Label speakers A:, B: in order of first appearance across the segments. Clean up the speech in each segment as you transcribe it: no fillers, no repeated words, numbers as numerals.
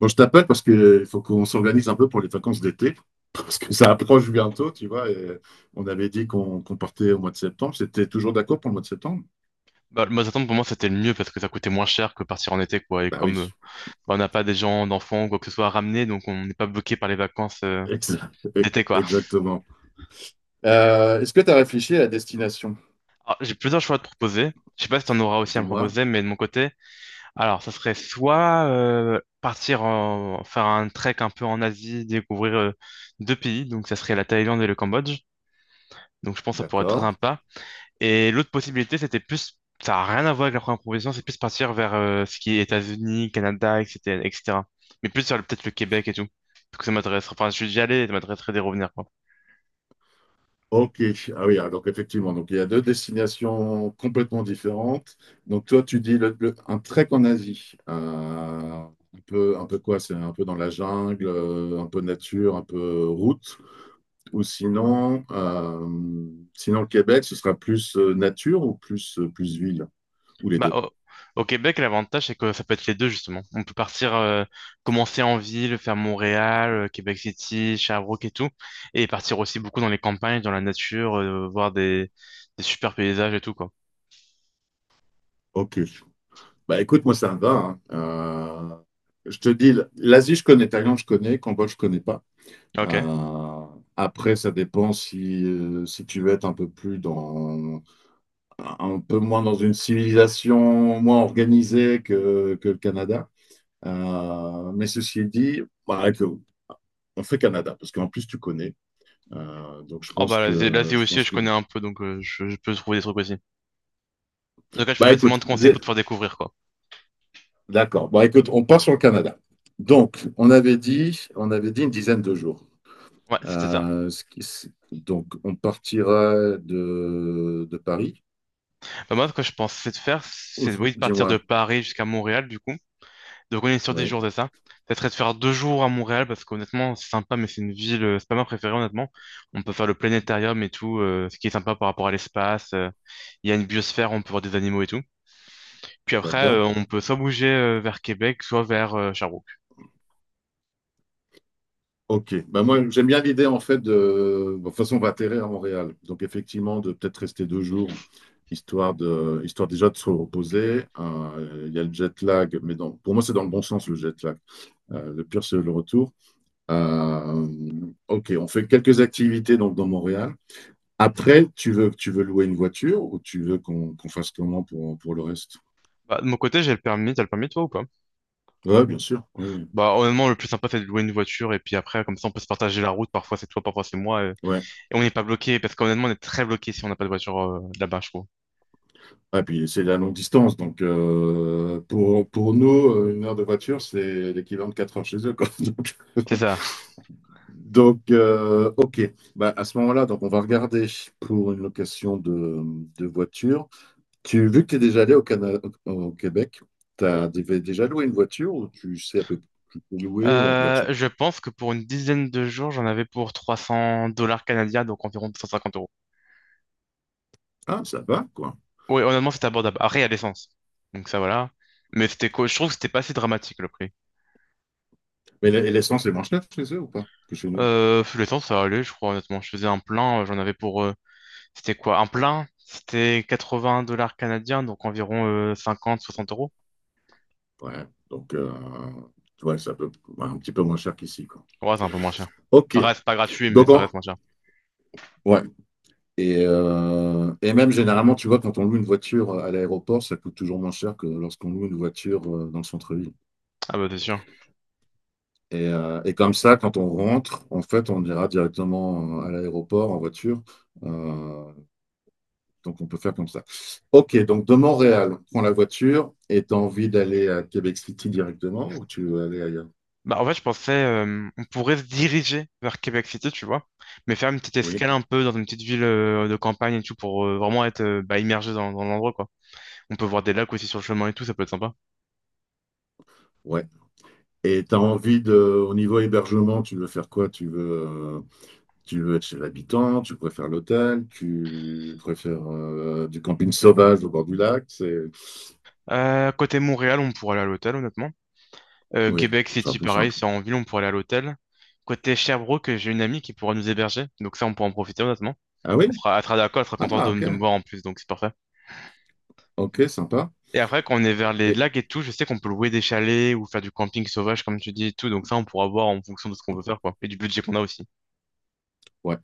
A: Bon, je t'appelle parce que il faut qu'on s'organise un peu pour les vacances d'été, parce que ça approche bientôt, tu vois. Et on avait dit qu'on partait au mois de septembre. C'était toujours d'accord pour le mois de septembre?
B: Bah, le Mazatlan, pour moi, c'était le mieux parce que ça coûtait moins cher que partir en été, quoi. Et
A: Bah
B: comme
A: oui,
B: on n'a pas des gens, d'enfants ou quoi que ce soit à ramener, donc on n'est pas bloqué par les vacances
A: ex- ex-
B: d'été, quoi.
A: exactement. Est-ce que tu as réfléchi à la destination?
B: Alors, j'ai plusieurs choix à te proposer. Je sais pas si t'en auras aussi à me
A: Dis-moi.
B: proposer, mais de mon côté, alors, ça serait soit partir en... faire un trek un peu en Asie, découvrir 2 pays, donc ça serait la Thaïlande et le Cambodge. Donc, je pense que ça pourrait être très
A: D'accord.
B: sympa. Et l'autre possibilité, c'était plus, ça n'a rien à voir avec la première proposition, c'est plus partir vers ce qui est États-Unis, Canada, etc., etc. Mais plus sur peut-être le Québec et tout. Parce que ça m'intéresse. Enfin, je suis déjà allé, ça m'intéresserait d'y revenir, quoi.
A: Ok. Ah oui, alors effectivement, donc il y a deux destinations complètement différentes. Donc toi, tu dis un trek en Asie. Un peu, un peu quoi? C'est un peu dans la jungle, un peu nature, un peu route. Ou sinon, sinon le Québec, ce sera plus nature ou plus, plus ville, ou les
B: Bah,
A: deux.
B: au, au Québec, l'avantage, c'est que ça peut être les deux, justement. On peut partir, commencer en ville, faire Montréal, Québec City, Sherbrooke et tout. Et partir aussi beaucoup dans les campagnes, dans la nature, voir des super paysages et tout, quoi.
A: Ok. Bah écoute, moi ça me va, hein. Je te dis, l'Asie, je connais, Thaïlande, je connais, Cambodge, je connais pas.
B: Ok.
A: Euh, après, ça dépend si, si tu veux être un peu plus dans, un peu moins dans une civilisation moins organisée que le Canada. Mais ceci dit, bah, que- on fait Canada, parce qu'en plus tu connais. Donc je
B: Oh,
A: pense
B: bah, l'Asie
A: que
B: l'Asie
A: je
B: aussi,
A: pense
B: je
A: que
B: connais un peu, donc je peux trouver des trucs aussi. Donc là, je peux
A: bah
B: facilement
A: écoute,
B: te conseiller pour te faire découvrir, quoi.
A: d'accord, bon écoute, on part sur le Canada. Donc on avait dit, on avait dit une dizaine de jours.
B: Ouais, c'était ça.
A: Donc on partira de Paris.
B: Bah, moi, ce que je pensais de faire,
A: Ou-
B: c'est oui, de partir de
A: Dis-moi.
B: Paris jusqu'à Montréal, du coup. Donc, on est sur 10
A: Oui.
B: jours, c'est ça. Ça serait de faire 2 jours à Montréal, parce qu'honnêtement, c'est sympa, mais c'est une ville, c'est pas ma préférée, honnêtement. On peut faire le planétarium et tout, ce qui est sympa par rapport à l'espace. Il y a une biosphère, on peut voir des animaux et tout. Puis après,
A: D'accord.
B: on peut soit bouger vers Québec, soit vers Sherbrooke.
A: Ok, bah moi j'aime bien l'idée en fait de... bon, de toute façon on va atterrir à Montréal, donc effectivement de peut-être rester deux jours, histoire de... histoire déjà de se reposer. Il y a le jet lag, mais dans... pour moi c'est dans le bon sens le jet lag. Le pire c'est le retour. Ok, on fait quelques activités donc dans Montréal. Après, tu veux louer une voiture ou tu veux qu'on fasse comment pour le reste?
B: Bah, de mon côté, j'ai le permis, t'as le permis, toi, ou pas?
A: Ouais, bien sûr. Oui.
B: Bah, honnêtement, le plus sympa, c'est de louer une voiture, et puis après, comme ça, on peut se partager la route. Parfois, c'est toi, parfois, c'est moi. Et
A: Ouais.
B: on n'est pas bloqué, parce qu'honnêtement, on est très bloqué si on n'a pas de voiture là-bas, je trouve.
A: Ah, puis c'est la longue distance, donc pour nous, une heure de voiture, c'est l'équivalent de quatre heures chez eux, quoi.
B: C'est ça.
A: Donc, ok. Bah, à ce moment-là, donc on va regarder pour une location de voiture. Tu, vu que tu es déjà allé au, au au Québec, tu as déjà loué une voiture ou tu sais à peu près où tu peux louer ou on regarde sur-
B: Je pense que pour une dizaine de jours, j'en avais pour 300 dollars canadiens, donc environ 250 euros.
A: Ah, ça va, quoi.
B: Oui, honnêtement, c'était abordable. Après, il y a l'essence. Donc ça, voilà. Mais c'était quoi? Je trouve que c'était pas si dramatique le prix.
A: Mais l'essence est moins chère chez eux ou pas que chez nous?
B: L'essence, ça allait, je crois, honnêtement. Je faisais un plein, j'en avais pour. C'était quoi? Un plein, c'était 80 dollars canadiens, donc environ 50, 60 euros.
A: Ouais, donc ouais, ça peut un petit peu moins cher qu'ici, quoi.
B: Ouais, c'est un peu moins cher.
A: Ok,
B: Ça reste pas gratuit, mais
A: Donc,
B: ça
A: en-
B: reste moins cher.
A: ouais. Et même généralement, tu vois, quand on loue une voiture à l'aéroport, ça coûte toujours moins cher que lorsqu'on loue une voiture dans le centre-ville.
B: Ah bah, c'est sûr.
A: Et comme ça, quand on rentre, en fait, on ira directement à l'aéroport en voiture. Euh, donc, on peut faire comme ça. OK, donc de Montréal, on prend la voiture et tu as envie d'aller à Québec City directement ou tu veux aller ailleurs?
B: Bah, en fait, je pensais, on pourrait se diriger vers Québec City, tu vois, mais faire une petite
A: Oui,
B: escale un peu dans une petite ville de campagne et tout pour vraiment être immergé dans l'endroit, quoi. On peut voir des lacs aussi sur le chemin et tout, ça peut être sympa.
A: ouais. Et tu as envie de, au niveau hébergement, tu veux faire quoi? Tu veux tu veux être chez l'habitant, tu préfères l'hôtel, tu préfères du camping sauvage au bord du lac. C'est...
B: Côté Montréal, on pourrait aller à l'hôtel, honnêtement.
A: Oui,
B: Québec
A: c'est un
B: City,
A: peu
B: pareil,
A: simple.
B: c'est en ville, on pourrait aller à l'hôtel. Côté Sherbrooke, j'ai une amie qui pourra nous héberger, donc ça, on pourra en profiter, honnêtement.
A: Ah oui?
B: Elle sera d'accord, elle sera contente
A: Ah, ok.
B: de me voir en plus, donc c'est parfait.
A: Ok, sympa.
B: Et après, quand on est vers les
A: Et,
B: lacs et tout, je sais qu'on peut louer des chalets ou faire du camping sauvage, comme tu dis et tout. Donc ça, on pourra voir en fonction de ce qu'on veut faire, quoi. Et du budget qu'on a aussi.
A: ouais.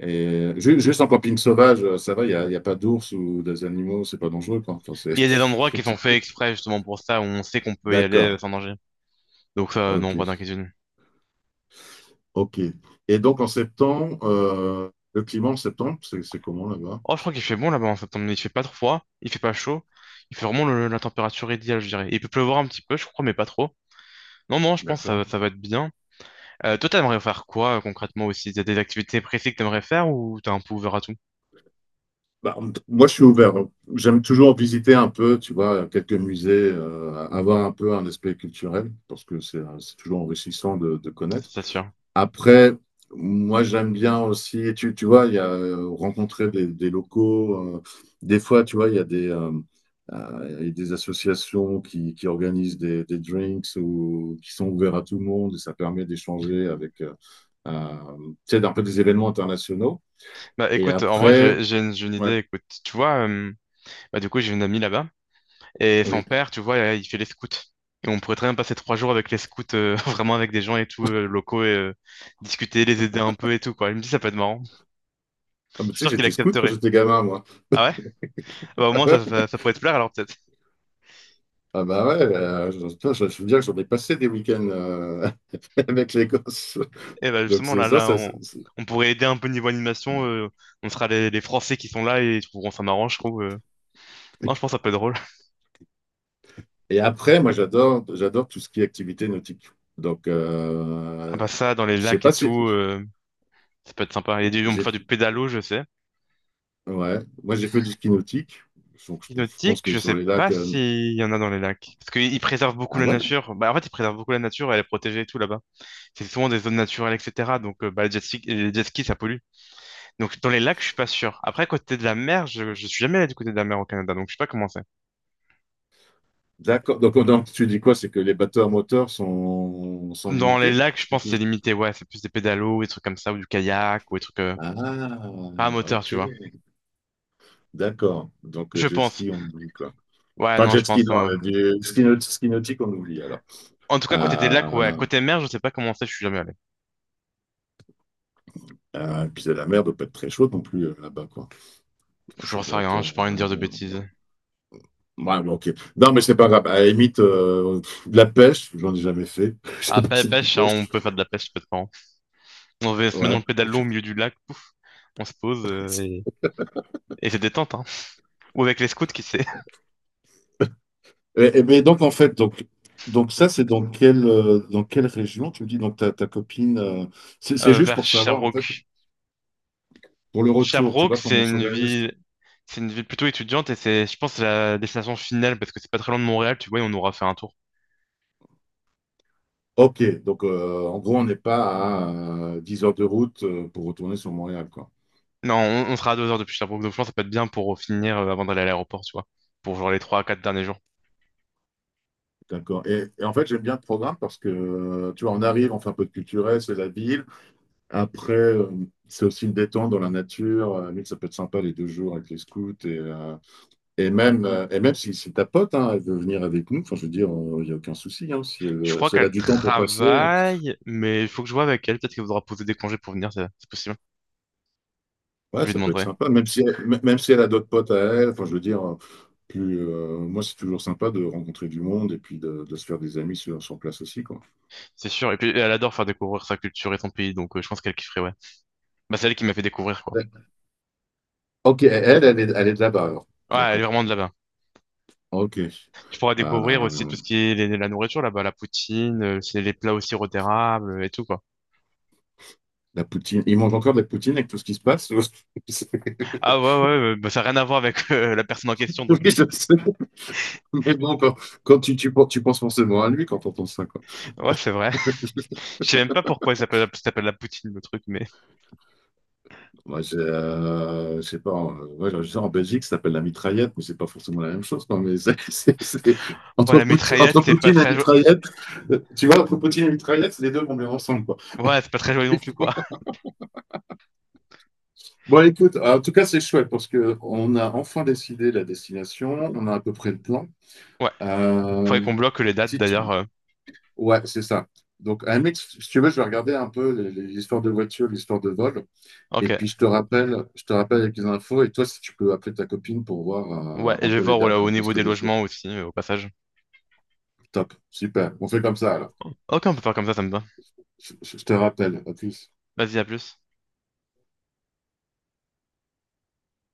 A: Et juste en camping sauvage, ça va, il n'y a, y a pas d'ours ou des animaux, c'est pas dangereux, quoi. Enfin, c'est...
B: Il y a des endroits qui sont faits exprès, justement, pour ça, où on sait qu'on peut y aller
A: D'accord.
B: sans danger. Donc ça, non, pas
A: Ok.
B: d'inquiétude.
A: Ok. Et donc en septembre, le climat en septembre, c'est comment là-bas?
B: Oh, je crois qu'il fait bon là-bas en septembre. Il fait pas trop froid, il fait pas chaud. Il fait vraiment la température idéale, je dirais. Il peut pleuvoir un petit peu, je crois, mais pas trop. Non, non, je pense que
A: D'accord.
B: ça va être bien. Toi, t'aimerais faire quoi, concrètement, aussi? T'as des activités précises que t'aimerais faire ou t'es un peu ouvert à tout?
A: Bah, moi, je suis ouvert. J'aime toujours visiter un peu, tu vois, quelques musées, avoir un peu un aspect culturel, parce que c'est toujours enrichissant de connaître.
B: C'est sûr.
A: Après, moi, j'aime bien aussi, tu vois, il y a rencontrer des locaux. Des fois, tu vois, il y a des, il y a des associations qui organisent des drinks ou qui sont ouverts à tout le monde, et ça permet d'échanger avec, euh, tu sais, un peu des événements internationaux.
B: Bah
A: Et
B: écoute, en vrai,
A: après,
B: j'ai une
A: ouais,
B: idée, écoute. Tu vois, bah du coup, j'ai une amie là-bas, et son
A: oui.
B: père, tu vois, il fait les scouts. Et on pourrait très bien passer 3 jours avec les scouts, vraiment avec des gens et tout, locaux, et discuter, les aider un peu et tout, quoi. Il me dit, ça peut être marrant. Je
A: Ah, mais tu
B: suis
A: sais,
B: sûr qu'il
A: j'étais scout quand
B: accepterait.
A: j'étais gamin, moi.
B: Ah ouais? Ah bah au
A: Ah
B: moins,
A: ouais?
B: ça pourrait te plaire, alors peut-être.
A: Ah bah ouais, je, putain, je veux dire que j'en ai passé des week-ends avec les gosses.
B: Et bah
A: Donc
B: justement,
A: c'est ça, ça,
B: on pourrait aider un peu niveau animation, on sera les Français qui sont là, et ils trouveront ça marrant, je trouve. Non, je pense que ça peut être drôle.
A: Et après, moi, j'adore, j'adore tout ce qui est activité nautique. Donc,
B: Ah bah ça, dans les
A: je sais
B: lacs et
A: pas si
B: tout, ça peut être sympa. Il y a du, on peut
A: j'ai,
B: faire du pédalo, je sais.
A: ouais, moi j'ai fait du ski nautique. Donc, je pense
B: Hypnotique,
A: que
B: je
A: sur
B: sais
A: les
B: pas
A: lacs.
B: s'il y en a dans les lacs. Parce qu'ils préservent beaucoup
A: Ah
B: la
A: ouais?
B: nature. Bah, en fait, ils préservent beaucoup la nature, elle est protégée et tout là-bas. C'est souvent des zones naturelles, etc. Donc, les jet skis, ça pollue. Donc, dans les lacs, je suis pas sûr. Après, côté de la mer, je suis jamais allé du côté de la mer au Canada, donc je sais pas comment c'est.
A: D'accord. Donc, tu dis quoi? C'est que les bateaux à moteur sont, sont
B: Dans les
A: limités?
B: lacs, je
A: C'est
B: pense que c'est
A: plus-
B: limité, ouais. C'est plus des pédalos, des trucs comme ça, ou du kayak, ou des trucs
A: Ah,
B: pas à moteur,
A: ok.
B: tu vois.
A: D'accord. Donc,
B: Je
A: jet
B: pense.
A: ski, on oublie quoi.
B: Ouais,
A: Enfin,
B: non,
A: jet
B: je
A: ski,
B: pense.
A: non, ski nautique, on oublie alors.
B: En tout cas, côté des lacs, ouais.
A: Euh,
B: Côté mer, je sais pas comment c'est, je suis jamais allé.
A: et puis la mer doit pas être très chaude non plus là-bas, quoi.
B: Je
A: Ça
B: sais
A: doit être.
B: rien, j'ai pas envie de dire de bêtises.
A: Ouais, bon, ok. Non, mais c'est pas grave. À la limite, de la pêche, j'en ai jamais fait. Je
B: Ah,
A: sais pas si tu
B: pêche, hein,
A: pêches.
B: on peut faire de la pêche, peut-être. On se met dans
A: Ouais.
B: le pédalo au milieu du lac, on se pose et c'est détente. Hein. Ou avec les scouts, qui sait,
A: Et mais donc, en fait, donc ça, c'est dans quelle région? Tu me dis, donc ta, ta copine. C'est c'est juste
B: vers
A: pour savoir, en fait,
B: Sherbrooke.
A: pour le retour, tu
B: Sherbrooke,
A: vois, comment on s'organise.
B: c'est une ville plutôt étudiante et c'est, je pense, c'est la destination finale parce que c'est pas très loin de Montréal, tu vois, et on aura fait un tour.
A: Ok, donc en gros, on n'est pas à 10 heures de route pour retourner sur Montréal, quoi.
B: Non, on sera à 2 heures depuis Sherbrooke, donc je pense que ça peut être bien pour finir avant d'aller à l'aéroport, tu vois, pour genre les 3 à 4 derniers jours.
A: D'accord. Et en fait, j'aime bien le programme parce que, tu vois, on arrive, on fait un peu de culturel, c'est la ville. Après, c'est aussi une détente dans la nature. Limite, ça peut être sympa les deux jours avec les scouts. Et même si, si ta pote, hein, elle veut venir avec nous, enfin, je veux dire, il n'y a aucun souci, hein. Si
B: Je
A: elle,
B: crois
A: si elle a
B: qu'elle
A: du temps pour passer.
B: travaille, mais il faut que je vois avec elle. Peut-être qu'elle voudra poser des congés pour venir, c'est possible.
A: Ouais,
B: Je lui
A: ça peut être
B: demanderai,
A: sympa, même si, même si elle a d'autres potes à elle. Enfin, je veux dire, plus, moi, c'est toujours sympa de rencontrer du monde et puis de se faire des amis sur, sur place aussi, quoi.
B: c'est sûr. Et puis elle adore faire découvrir sa culture et son pays, donc je pense qu'elle kifferait, ouais. Bah, c'est elle qui m'a fait découvrir, quoi.
A: Ouais. Ok, elle, elle est de là-bas, alors.
B: Ouais, elle est
A: D'accord.
B: vraiment de là-bas.
A: Ok. Euh,
B: Tu pourras découvrir aussi tout ce qui est la nourriture là-bas, la poutine, c'est les plats au sirop d'érable et tout, quoi.
A: la poutine. Ils mangent encore de la poutine avec tout ce qui se passe? Ou-
B: Ah ouais, ouais, ça n'a rien à voir avec la personne en question,
A: Oui,
B: donc oui.
A: je sais. Mais bon, quand, quand tu, tu penses forcément à lui quand on entends ça.
B: Ouais, c'est vrai. Je sais même pas pourquoi ça s'appelle la poutine, le truc, mais...
A: Moi, j'ai, je sais pas, ouais, je sais, en Belgique, ça s'appelle la mitraillette, mais c'est pas forcément la même chose, quoi, mais c'est,
B: Ouais, la mitraillette,
A: Entre
B: c'est pas
A: Poutine et
B: très...
A: mitraillette, tu vois, entre Poutine et mitraillette, les deux vont bien ensemble, quoi.
B: ouais, c'est pas très joli non plus, quoi.
A: Bon, écoute, en tout cas, c'est chouette parce que on a enfin décidé la destination, on a à peu près le plan.
B: Ouais, faudrait
A: Euh,
B: qu'on bloque les dates,
A: si tu-
B: d'ailleurs.
A: Ouais, c'est ça. Donc, à la limite, si tu veux, je vais regarder un peu l'histoire de voiture, l'histoire de vol. Et
B: Ok.
A: puis, je te rappelle avec les infos. Et toi, si tu peux appeler ta copine pour
B: Ouais,
A: voir
B: et
A: un
B: je vais
A: peu les
B: voir
A: dates,
B: voilà, au
A: parce
B: niveau
A: que
B: des
A: Lisbonne.
B: logements aussi, au passage.
A: Top, super. On fait comme ça alors.
B: Ok, on peut faire comme ça me va.
A: Je te rappelle. À plus.
B: Vas-y, à plus.